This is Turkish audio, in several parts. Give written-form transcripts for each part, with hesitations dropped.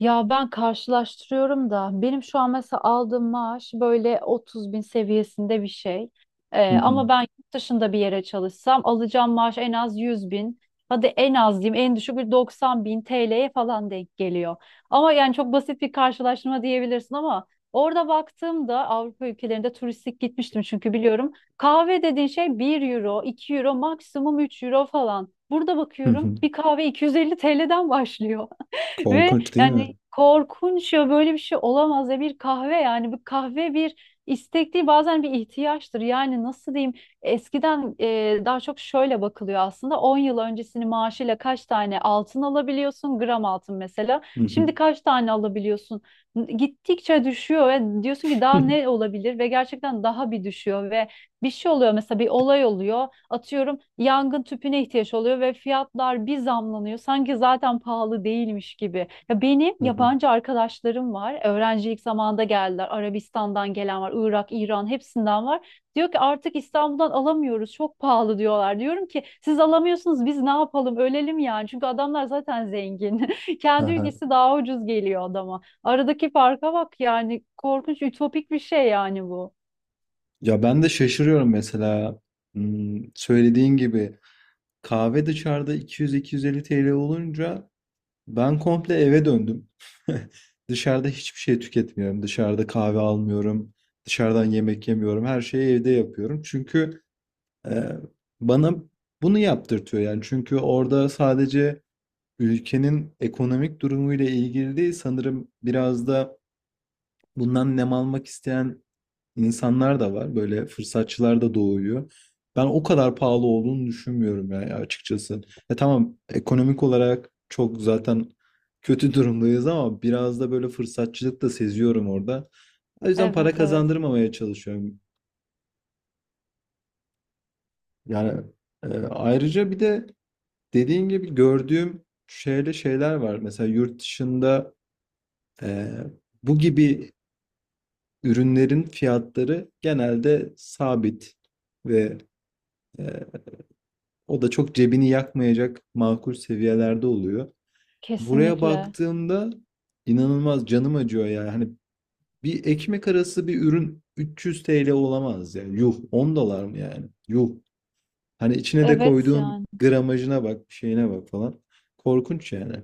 Ya ben karşılaştırıyorum da benim şu an mesela aldığım maaş böyle 30 bin seviyesinde bir şey. Hı hı. Ama ben yurt dışında bir yere çalışsam alacağım maaş en az 100 bin. Hadi en az diyeyim en düşük bir 90 bin TL'ye falan denk geliyor. Ama yani çok basit bir karşılaştırma diyebilirsin ama orada baktığımda Avrupa ülkelerinde turistik gitmiştim çünkü biliyorum. Kahve dediğin şey bir euro, 2 euro maksimum 3 euro falan. Burada Hı bakıyorum hı. bir kahve 250 TL'den başlıyor. Ve Korkunç değil yani mi? korkunç ya böyle bir şey olamaz ya bir kahve yani bu kahve bir istek değil bazen bir ihtiyaçtır. Yani nasıl diyeyim eskiden daha çok şöyle bakılıyor aslında 10 yıl öncesinin maaşıyla kaç tane altın alabiliyorsun gram altın mesela. Hı hı. Şimdi kaç tane alabiliyorsun? Gittikçe düşüyor ve diyorsun ki daha ne olabilir ve gerçekten daha bir düşüyor ve bir şey oluyor mesela bir olay oluyor. Atıyorum yangın tüpüne ihtiyaç oluyor ve fiyatlar bir zamlanıyor. Sanki zaten pahalı değilmiş gibi. Ya benim Hı hı. yabancı arkadaşlarım var. Öğrencilik zamanında geldiler. Arabistan'dan gelen var, Irak, İran hepsinden var. Diyor ki artık İstanbul'dan alamıyoruz. Çok pahalı diyorlar. Diyorum ki siz alamıyorsunuz biz ne yapalım? Ölelim yani. Çünkü adamlar zaten zengin. Kendi Aha. ülkesi daha ucuz geliyor adama. Aradaki farka bak yani korkunç ütopik bir şey yani bu. Ya ben de şaşırıyorum mesela. Söylediğin gibi kahve dışarıda 200-250 TL olunca ben komple eve döndüm. Dışarıda hiçbir şey tüketmiyorum. Dışarıda kahve almıyorum. Dışarıdan yemek yemiyorum. Her şeyi evde yapıyorum. Çünkü e, bana bunu yaptırtıyor yani. Çünkü orada sadece ülkenin ekonomik durumuyla ilgili değil sanırım, biraz da bundan nem almak isteyen insanlar da var. Böyle fırsatçılar da doğuyor. Ben o kadar pahalı olduğunu düşünmüyorum yani, açıkçası. E tamam, ekonomik olarak çok zaten kötü durumdayız ama biraz da böyle fırsatçılık da seziyorum orada. O yüzden para Evet, evet. kazandırmamaya çalışıyorum. Yani ayrıca bir de dediğin gibi gördüğüm şöyle şeyler var. Mesela yurt dışında e, bu gibi ürünlerin fiyatları genelde sabit, ve Ee, o da çok cebini yakmayacak makul seviyelerde oluyor. Buraya Kesinlikle. baktığımda inanılmaz canım acıyor ya. Hani bir ekmek arası bir ürün 300 TL olamaz yani. Yuh, 10 dolar mı yani? Yuh. Hani içine de Evet koyduğun yani. gramajına bak, bir şeyine bak falan. Korkunç yani.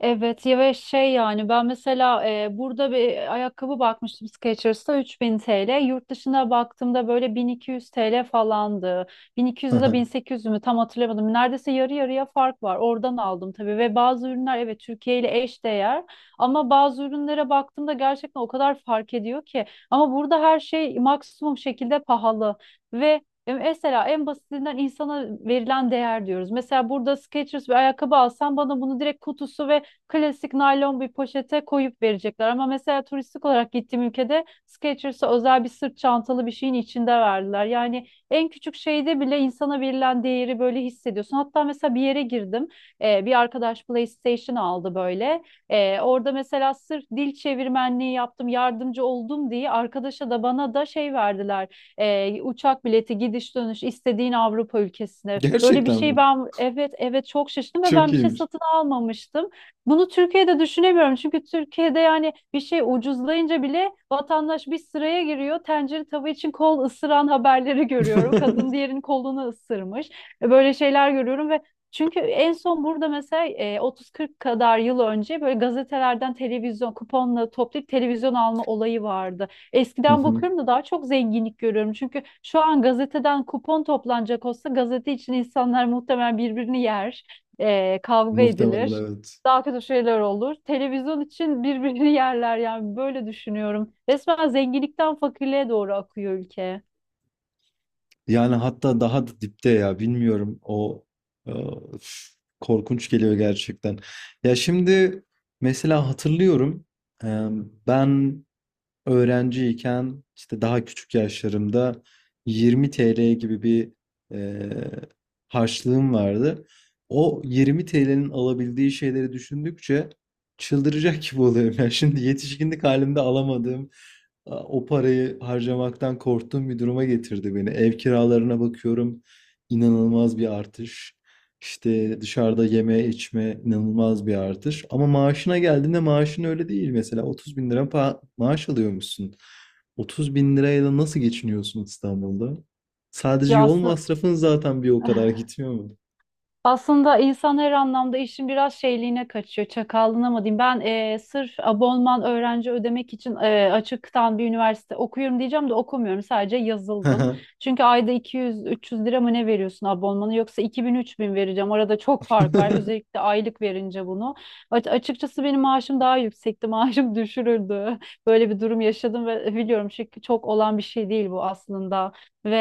Evet ya ve şey yani ben mesela burada bir ayakkabı bakmıştım Skechers'ta 3000 TL. Yurt dışına baktığımda böyle 1200 TL falandı. 1200 ya da 1800 mü tam hatırlamadım. Neredeyse yarı yarıya fark var. Oradan aldım tabii ve bazı ürünler evet Türkiye ile eş değer ama bazı ürünlere baktığımda gerçekten o kadar fark ediyor ki. Ama burada her şey maksimum şekilde pahalı ve mesela en basitinden insana verilen değer diyoruz. Mesela burada Skechers bir ayakkabı alsam bana bunu direkt kutusu ve klasik naylon bir poşete koyup verecekler. Ama mesela turistik olarak gittiğim ülkede Skechers'a özel bir sırt çantalı bir şeyin içinde verdiler. Yani en küçük şeyde bile insana verilen değeri böyle hissediyorsun. Hatta mesela bir yere girdim. Bir arkadaş PlayStation aldı böyle. Orada mesela sırf dil çevirmenliği yaptım, yardımcı oldum diye arkadaşa da bana da şey verdiler. Uçak bileti, gidiş dönüş istediğin Avrupa ülkesine. Böyle bir Gerçekten şey mi? ben, evet, evet, çok şaşırdım ve Çok ben bir şey iyiymiş. satın almamıştım. Bunu Türkiye'de düşünemiyorum çünkü Türkiye'de yani bir şey ucuzlayınca bile vatandaş bir sıraya giriyor. Tencere tava için kol ısıran haberleri görüyorum. Kadın diğerinin kolunu ısırmış. Böyle şeyler görüyorum ve çünkü en son burada mesela 30-40 kadar yıl önce böyle gazetelerden televizyon kuponla toplayıp televizyon alma olayı vardı. Hı Eskiden hı. bakıyorum da daha çok zenginlik görüyorum. Çünkü şu an gazeteden kupon toplanacak olsa gazete için insanlar muhtemelen birbirini yer, kavga Muhtemelen edilir, evet. daha kötü şeyler olur. Televizyon için birbirini yerler yani böyle düşünüyorum. Resmen zenginlikten fakirliğe doğru akıyor ülke. Yani hatta daha da dipte ya, bilmiyorum, o e, üf, korkunç geliyor gerçekten. Ya şimdi mesela hatırlıyorum, e, ben öğrenciyken, işte daha küçük yaşlarımda, 20 TL gibi bir eee harçlığım vardı. O 20 TL'nin alabildiği şeyleri düşündükçe çıldıracak gibi oluyorum. Yani şimdi yetişkinlik halimde alamadığım, o parayı harcamaktan korktuğum bir duruma getirdi beni. Ev kiralarına bakıyorum, inanılmaz bir artış. İşte dışarıda yeme içme inanılmaz bir artış. Ama maaşına geldiğinde maaşın öyle değil. Mesela 30 bin lira maaş alıyormuşsun. 30 bin lirayla nasıl geçiniyorsun İstanbul'da? Sadece Ya yol aslında masrafın zaten bir o kadar gitmiyor mu? aslında insan her anlamda işin biraz şeyliğine kaçıyor, çakallığına mı diyeyim. Ben sırf abonman öğrenci ödemek için açıktan bir üniversite okuyorum diyeceğim de okumuyorum. Sadece yazıldım. Çünkü ayda 200-300 lira mı ne veriyorsun abonmanı yoksa 2000-3000 vereceğim. Arada çok fark var. Özellikle aylık verince bunu. Açıkçası benim maaşım daha yüksekti. Maaşım düşürüldü. Böyle bir durum yaşadım ve biliyorum çünkü çok olan bir şey değil bu aslında. Ve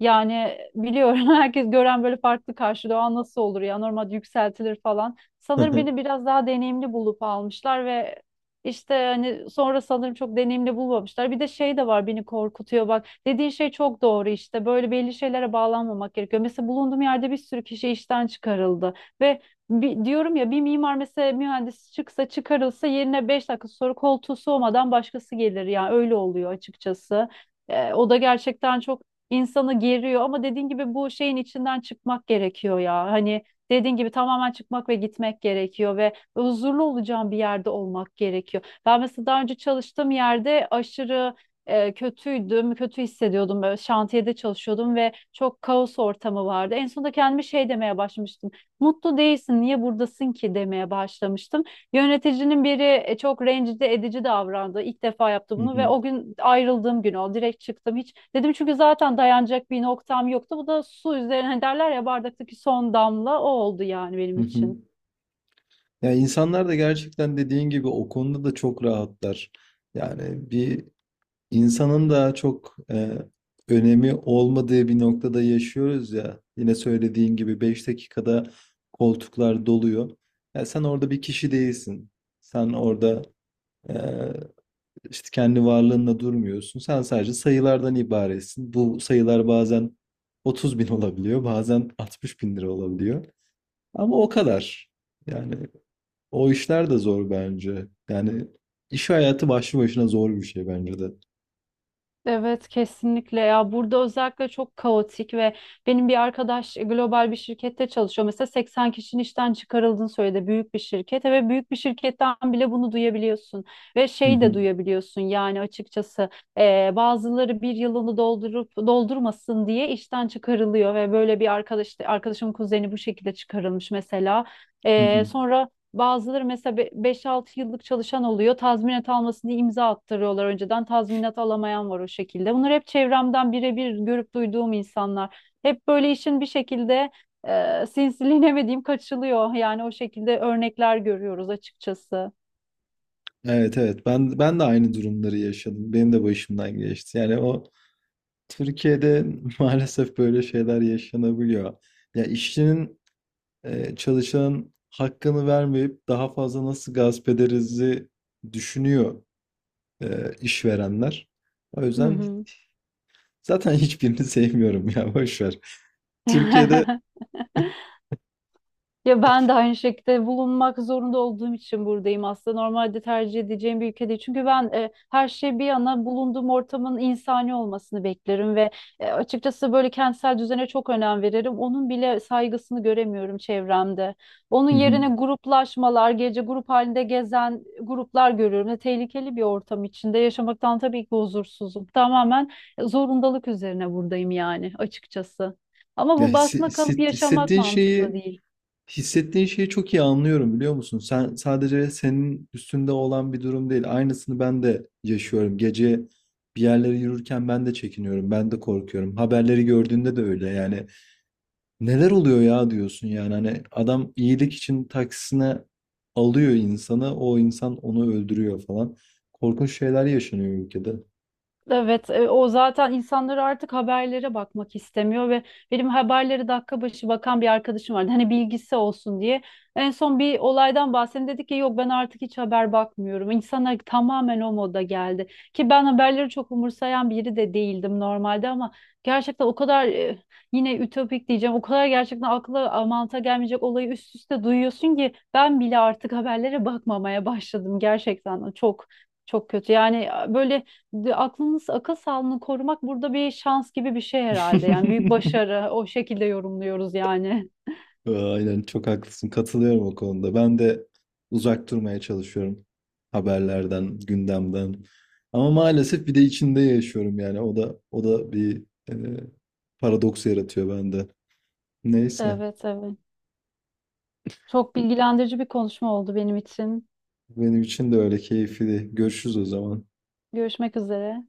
yani biliyorum herkes gören böyle farklı karşılıyor. Nasıl olur ya, normal yükseltilir falan. Sanırım beni biraz daha deneyimli bulup almışlar ve işte hani sonra sanırım çok deneyimli bulmamışlar. Bir de şey de var, beni korkutuyor bak. Dediğin şey çok doğru işte. Böyle belli şeylere bağlanmamak gerekiyor. Mesela bulunduğum yerde bir sürü kişi işten çıkarıldı ve diyorum ya, bir mimar mesela, mühendis çıkarılsa yerine 5 dakika sonra koltuğu soğumadan başkası gelir yani, öyle oluyor açıkçası. O da gerçekten çok insanı geriyor ama dediğin gibi bu şeyin içinden çıkmak gerekiyor ya. Hani dediğin gibi tamamen çıkmak ve gitmek gerekiyor ve huzurlu olacağım bir yerde olmak gerekiyor. Ben mesela daha önce çalıştığım yerde aşırı kötüydüm, kötü hissediyordum. Böyle şantiyede çalışıyordum ve çok kaos ortamı vardı. En sonunda kendime şey demeye başlamıştım. Mutlu değilsin, niye buradasın ki demeye başlamıştım. Yöneticinin biri çok rencide edici davrandı. İlk defa yaptı bunu ve o gün, ayrıldığım gün o. Direkt çıktım, hiç. Dedim, çünkü zaten dayanacak bir noktam yoktu. Bu da su üzerine, hani derler ya, bardaktaki son damla o oldu yani benim için. Ya insanlar da gerçekten dediğin gibi o konuda da çok rahatlar. Yani bir İnsanın da çok önemi olmadığı bir noktada yaşıyoruz ya. Yine söylediğin gibi 5 dakikada koltuklar doluyor. Ya sen orada bir kişi değilsin. Sen orada e, işte kendi varlığınla durmuyorsun. Sen sadece sayılardan ibaretsin. Bu sayılar bazen 30.000 olabiliyor, bazen 60.000 lira olabiliyor. Ama o kadar. Yani o işler de zor bence. Yani iş hayatı başlı başına zor bir şey bence de. Evet, kesinlikle ya, burada özellikle çok kaotik ve benim bir arkadaş global bir şirkette çalışıyor. Mesela 80 kişinin işten çıkarıldığını söyledi, büyük bir şirket, ve büyük bir şirketten bile bunu duyabiliyorsun ve şeyi de duyabiliyorsun yani, açıkçası bazıları bir yılını doldurup doldurmasın diye işten çıkarılıyor ve böyle bir arkadaşımın kuzeni bu şekilde çıkarılmış mesela. Sonra bazıları mesela 5-6 yıllık çalışan oluyor. Tazminat almasın diye imza attırıyorlar önceden. Tazminat alamayan var o şekilde. Bunlar hep çevremden birebir görüp duyduğum insanlar. Hep böyle işin bir şekilde sinsiliğine mi diyeyim, kaçılıyor. Yani o şekilde örnekler görüyoruz açıkçası. Evet, evet, ben de aynı durumları yaşadım. Benim de başımdan geçti. Yani o, Türkiye'de maalesef böyle şeyler yaşanabiliyor. Ya işçinin, çalışanın hakkını vermeyip daha fazla nasıl gasp ederizi düşünüyor işverenler. O Hı yüzden hı. zaten hiçbirini sevmiyorum ya, boş ver. Türkiye'de. Ya ben de aynı şekilde bulunmak zorunda olduğum için buradayım aslında. Normalde tercih edeceğim bir ülke değil. Çünkü ben, her şey bir yana, bulunduğum ortamın insani olmasını beklerim ve açıkçası böyle kentsel düzene çok önem veririm. Onun bile saygısını göremiyorum çevremde. Onun yerine gruplaşmalar, gece grup halinde gezen gruplar görüyorum. Ve tehlikeli bir ortam içinde yaşamaktan tabii ki huzursuzum. Tamamen zorundalık üzerine buradayım yani, açıkçası. Ama ya bu hissi- basma kalıp hisset- yaşamak hissettiğin mantıklı şeyi değil. Hissettiğin şeyi çok iyi anlıyorum, biliyor musun? Sen sadece senin üstünde olan bir durum değil. Aynısını ben de yaşıyorum. Gece bir yerlere yürürken ben de çekiniyorum. Ben de korkuyorum. Haberleri gördüğünde de öyle. Yani neler oluyor ya diyorsun yani. Hani adam iyilik için taksisine alıyor insanı. O insan onu öldürüyor falan. Korkunç şeyler yaşanıyor ülkede. Evet, o zaten, insanlar artık haberlere bakmak istemiyor ve benim haberleri dakika başı bakan bir arkadaşım vardı. Hani bilgisi olsun diye. En son bir olaydan bahsedeyim dedi ki, yok ben artık hiç haber bakmıyorum. İnsanlar tamamen o moda geldi. Ki ben haberleri çok umursayan biri de değildim normalde, ama gerçekten o kadar, yine ütopik diyeceğim. O kadar gerçekten akla mantığa gelmeyecek olayı üst üste duyuyorsun ki, ben bile artık haberlere bakmamaya başladım gerçekten. Çok çok kötü. Yani böyle de- aklınız akıl sağlığını korumak burada bir şans gibi bir şey herhalde. Yani büyük başarı, o şekilde yorumluyoruz yani. Aynen, çok haklısın. Katılıyorum o konuda. Ben de uzak durmaya çalışıyorum haberlerden, gündemden. Ama maalesef bir de içinde yaşıyorum yani. O da bir e, paradoks yaratıyor bende. Neyse. Evet, evet. Çok bilgilendirici bir konuşma oldu benim için. Benim için de öyle keyifli. Görüşürüz o zaman. Görüşmek üzere.